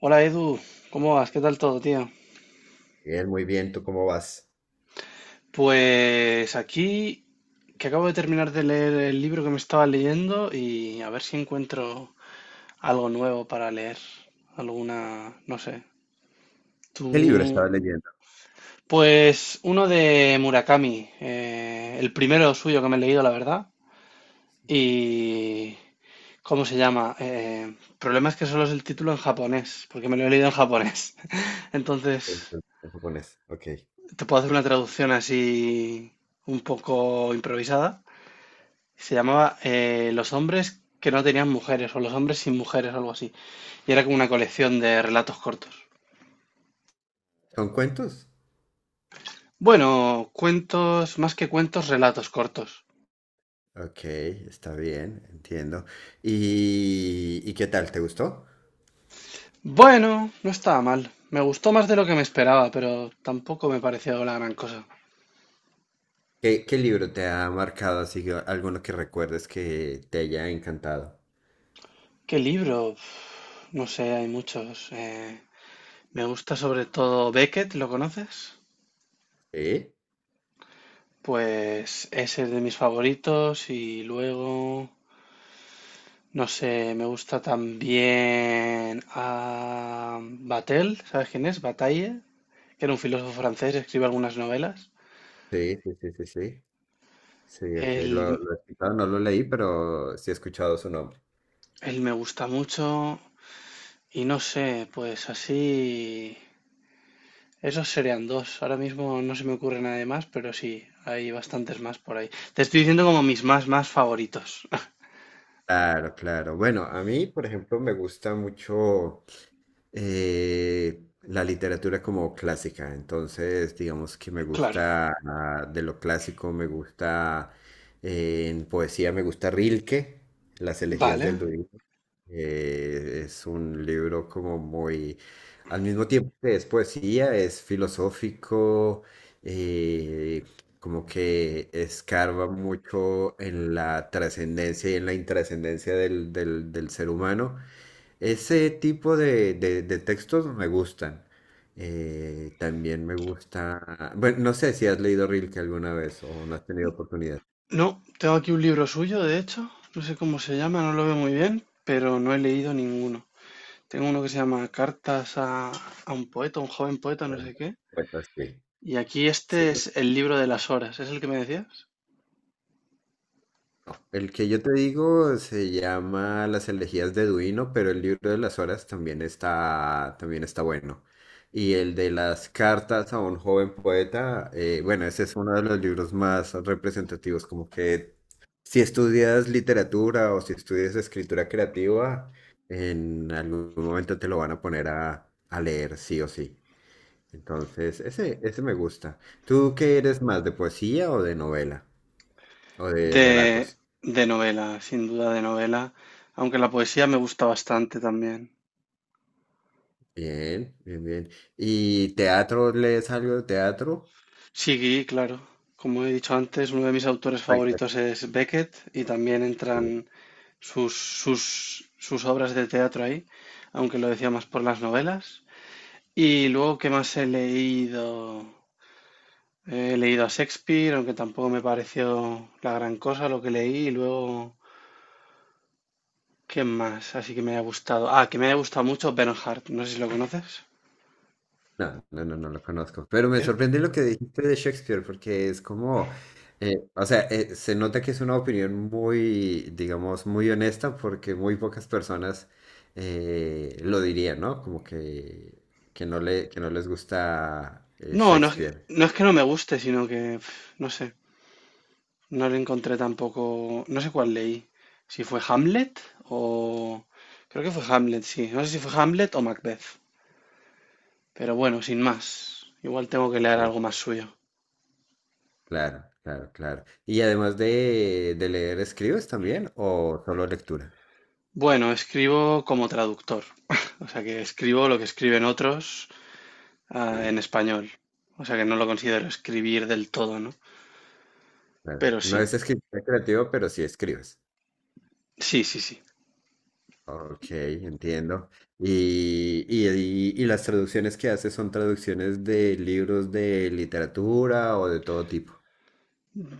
Hola Edu, ¿cómo vas? ¿Qué tal todo, tío? Bien, muy bien. ¿Tú cómo vas? Pues aquí que acabo de terminar de leer el libro que me estaba leyendo y a ver si encuentro algo nuevo para leer, alguna, no sé. ¿Qué libro Tú, estabas leyendo? pues uno de Murakami, el primero suyo que me he leído, la verdad. Y ¿cómo se llama? Problema es que solo es el título en japonés, porque me lo he leído en japonés. En Entonces, japonés. Ok. te puedo hacer una traducción así un poco improvisada. Se llamaba Los hombres que no tenían mujeres o Los hombres sin mujeres o algo así. Y era como una colección de relatos cortos. ¿Son cuentos? Bueno, cuentos, más que cuentos, relatos cortos. Ok, está bien, entiendo. ¿Y qué tal? ¿Te gustó? Bueno, no estaba mal. Me gustó más de lo que me esperaba, pero tampoco me pareció la gran cosa. ¿Qué libro te ha marcado así, alguno que recuerdes que te haya encantado? ¿Qué libro? Uf, no sé, hay muchos. Me gusta sobre todo Beckett, ¿lo conoces? Sí, Pues ese es de mis favoritos y luego, no sé, me gusta también a Batel, ¿sabes quién es? Bataille, que era un filósofo francés, escribe algunas novelas. sí, sí, sí, sí, sí. Sí, ese lo, Él, lo he escuchado, no lo leí, pero sí he escuchado su nombre. él me gusta mucho y no sé, pues así, esos serían dos. Ahora mismo no se me ocurre nada más, pero sí, hay bastantes más por ahí. Te estoy diciendo como mis más favoritos. Claro, claro. Bueno, a mí, por ejemplo, me gusta mucho la literatura como clásica. Entonces, digamos que me Claro, gusta de lo clásico, me gusta en poesía, me gusta Rilke, las elegías vale. del Duino. Es un libro como muy, al mismo tiempo que es poesía, es filosófico, eh, como que escarba mucho en la trascendencia y en la intrascendencia del ser humano. Ese tipo de, de textos me gustan. También me gusta, bueno, no sé si has leído Rilke alguna vez o no has tenido oportunidad. No, tengo aquí un libro suyo, de hecho, no sé cómo se llama, no lo veo muy bien, pero no he leído ninguno. Tengo uno que se llama Cartas a un poeta, un joven poeta, no Bueno, sé qué. sí, Y aquí sí. este es el libro de las horas, ¿es el que me decías? No, el que yo te digo se llama Las elegías de Duino, pero el libro de las horas también está bueno. Y el de las cartas a un joven poeta, bueno, ese es uno de los libros más representativos, como que si estudias literatura o si estudias escritura creativa, en algún momento te lo van a poner a leer, sí o sí. Entonces, ese me gusta. ¿Tú qué eres más, de poesía o de novela o de De, relatos? de novela, sin duda de novela, aunque la poesía me gusta bastante también. Bien, bien, bien. ¿Y teatro, lees algo de teatro? Sí, claro. Como he dicho antes, uno de mis autores Ay, pues, favoritos es Beckett y también sí. entran sus obras de teatro ahí, aunque lo decía más por las novelas. Y luego, ¿qué más he leído? He leído a Shakespeare, aunque tampoco me pareció la gran cosa lo que leí. Y luego, ¿qué más? Así que me haya gustado. Ah, que me haya gustado mucho Bernhardt. No sé si lo conoces. No, no, no, no lo conozco. Pero me Es- sorprende lo que dijiste de Shakespeare, porque es como, o sea, se nota que es una opinión muy, digamos, muy honesta, porque muy pocas personas lo dirían, ¿no? Como que, que no les gusta No, no es que, Shakespeare. no es que no me guste, sino que, no sé, no le encontré tampoco, no sé cuál leí. Si fue Hamlet o. Creo que fue Hamlet, sí. No sé si fue Hamlet o Macbeth. Pero bueno, sin más. Igual tengo que leer Sí. algo más suyo. Claro, claro, claro. Y además de leer, ¿escribes también o solo lectura? Bueno, escribo como traductor, o sea que escribo lo que escriben otros en Sí. español, o sea que no lo considero escribir del todo, ¿no? Ah, Pero no sí, es escritor creativo, pero sí escribes. sí, sí, sí. Ok, entiendo. Y las traducciones que haces son traducciones de libros de literatura o de todo tipo.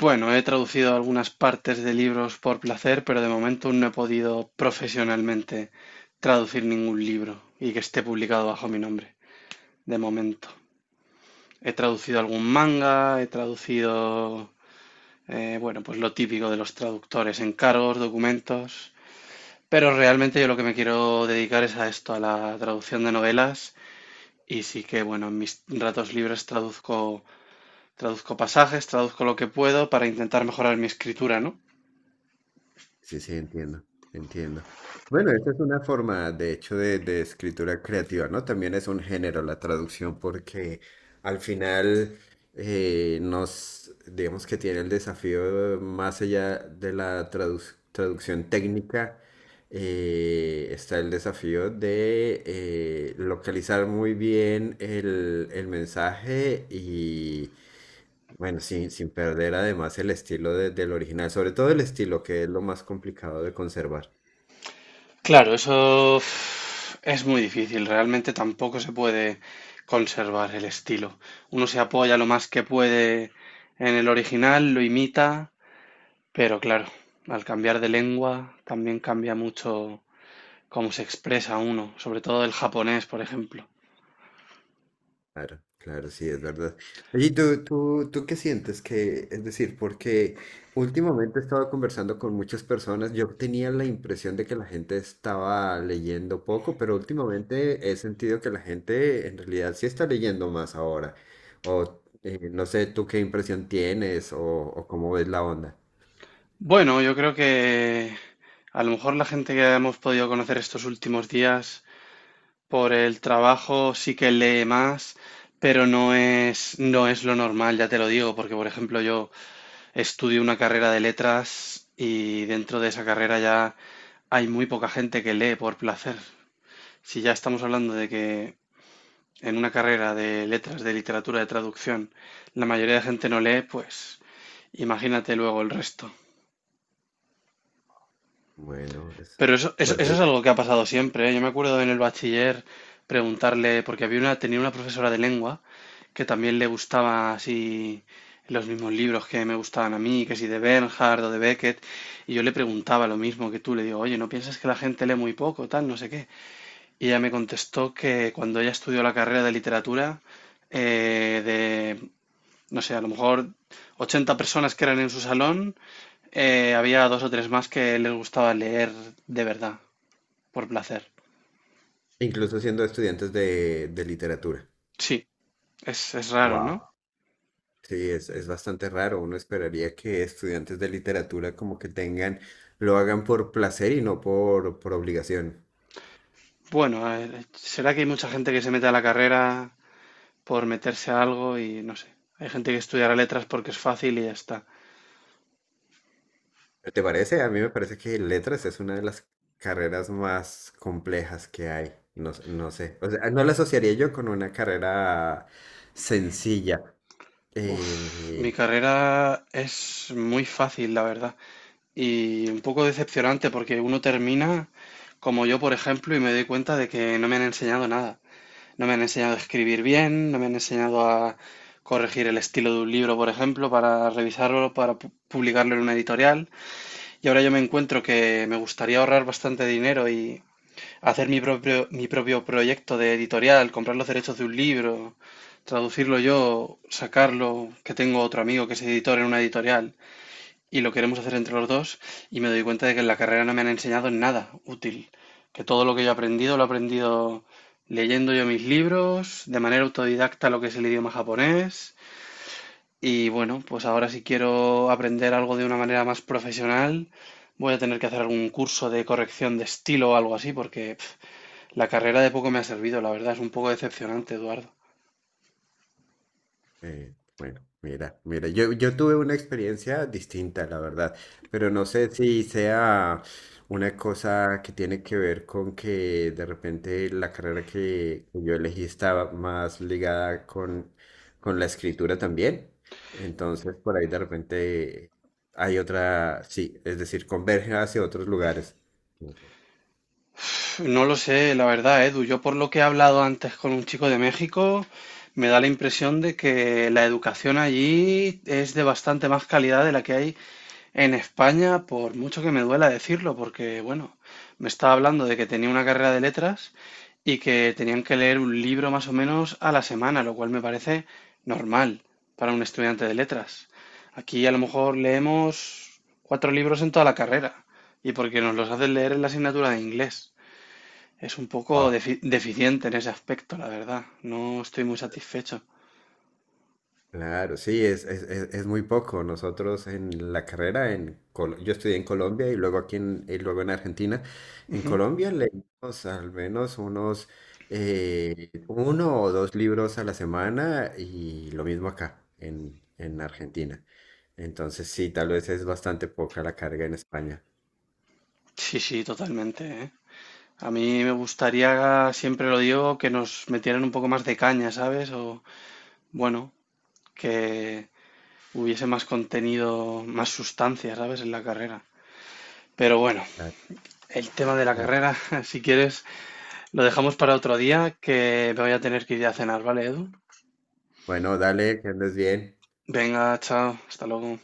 Bueno, he traducido algunas partes de libros por placer, pero de momento no he podido profesionalmente traducir ningún libro y que esté publicado bajo mi nombre, de momento. He traducido algún manga, he traducido, bueno, pues lo típico de los traductores, encargos, documentos. Pero realmente yo lo que me quiero dedicar es a esto, a la traducción de novelas. Y sí que, bueno, en mis ratos libres traduzco pasajes, traduzco lo que puedo para intentar mejorar mi escritura, ¿no? Sí, sí, entiendo, entiendo. Bueno, esa es una forma, de hecho, de escritura creativa, ¿no? También es un género la traducción porque al final nos, digamos que tiene el desafío más allá de la traducción técnica, está el desafío de localizar muy bien el mensaje y bueno, sí, sin perder además el estilo del original, sobre todo el estilo, que es lo más complicado de conservar. Claro, eso es muy difícil. Realmente tampoco se puede conservar el estilo. Uno se apoya lo más que puede en el original, lo imita, pero claro, al cambiar de lengua también cambia mucho cómo se expresa uno, sobre todo el japonés, por ejemplo. Claro, claro, sí, es verdad. Oye, ¿y tú qué sientes que, es decir, porque últimamente he estado conversando con muchas personas, yo tenía la impresión de que la gente estaba leyendo poco, pero últimamente he sentido que la gente en realidad sí está leyendo más ahora. O no sé, ¿tú qué impresión tienes o cómo ves la onda? Bueno, yo creo que a lo mejor la gente que hemos podido conocer estos últimos días por el trabajo sí que lee más, pero no es lo normal, ya te lo digo, porque por ejemplo yo estudio una carrera de letras y dentro de esa carrera ya hay muy poca gente que lee por placer. Si ya estamos hablando de que en una carrera de letras, de literatura, de traducción, la mayoría de gente no lee, pues imagínate luego el resto. Bueno, es Pero eso fuerte. es algo que ha pasado siempre, ¿eh? Yo me acuerdo en el bachiller preguntarle, porque tenía una profesora de lengua que también le gustaba así los mismos libros que me gustaban a mí, que si de Bernhard o de Beckett, y yo le preguntaba lo mismo que tú, le digo, oye, ¿no piensas que la gente lee muy poco, tal, no sé qué? Y ella me contestó que cuando ella estudió la carrera de literatura, de, no sé, a lo mejor 80 personas que eran en su salón, había dos o tres más que les gustaba leer de verdad. Por placer. Incluso siendo estudiantes de literatura. Sí, es raro, ¿no? Wow. Sí, es bastante raro. Uno esperaría que estudiantes de literatura como que tengan, lo hagan por placer y no por, por obligación. Bueno, a ver, será que hay mucha gente que se mete a la carrera por meterse a algo y no sé. Hay gente que estudiará letras porque es fácil y ya está. ¿Te parece? A mí me parece que letras es una de las carreras más complejas que hay. No sé. O sea, no la asociaría yo con una carrera sencilla. Uf, Eh, mi carrera es muy fácil, la verdad. Y un poco decepcionante porque uno termina como yo, por ejemplo, y me doy cuenta de que no me han enseñado nada. No me han enseñado a escribir bien, no me han enseñado a corregir el estilo de un libro, por ejemplo, para revisarlo, para publicarlo en una editorial. Y ahora yo me encuentro que me gustaría ahorrar bastante dinero y hacer mi propio proyecto de editorial, comprar los derechos de un libro, traducirlo yo, sacarlo, que tengo otro amigo que es editor en una editorial y lo queremos hacer entre los dos y me doy cuenta de que en la carrera no me han enseñado nada útil, que todo lo que yo he aprendido lo he aprendido leyendo yo mis libros, de manera autodidacta lo que es el idioma japonés y bueno, pues ahora si quiero aprender algo de una manera más profesional, voy a tener que hacer algún curso de corrección de estilo o algo así, porque la carrera de poco me ha servido, la verdad, es un poco decepcionante, Eduardo. Eh, bueno, mira, mira, yo tuve una experiencia distinta, la verdad, pero no sé si sea una cosa que tiene que ver con que de repente la carrera que yo elegí estaba más ligada con la escritura también. Entonces, por ahí de repente hay otra, sí, es decir, converge hacia otros lugares. No sé. No lo sé, la verdad, ¿eh? Edu, yo por lo que he hablado antes con un chico de México, me da la impresión de que la educación allí es de bastante más calidad de la que hay en España, por mucho que me duela decirlo, porque bueno, me estaba hablando de que tenía una carrera de letras y que tenían que leer un libro más o menos a la semana, lo cual me parece normal para un estudiante de letras. Aquí a lo mejor leemos cuatro libros en toda la carrera y porque nos los hacen leer en la asignatura de inglés. Es un poco deficiente en ese aspecto, la verdad. No estoy muy satisfecho. Claro, sí, es muy poco. Nosotros en la carrera, en yo estudié en Colombia y luego aquí en, y luego en Argentina. En Ujú. Colombia leímos al menos unos uno o dos libros a la semana y lo mismo acá en Argentina. Entonces sí, tal vez es bastante poca la carga en España. Sí, sí, totalmente, ¿eh? A mí me gustaría, siempre lo digo, que nos metieran un poco más de caña, ¿sabes? O, bueno, que hubiese más contenido, más sustancia, ¿sabes? En la carrera. Pero bueno, Ah, el tema de la eh, carrera, si quieres, lo dejamos para otro día, que me voy a tener que ir a cenar, ¿vale, Edu? Bueno, dale, que andes bien. Venga, chao, hasta luego.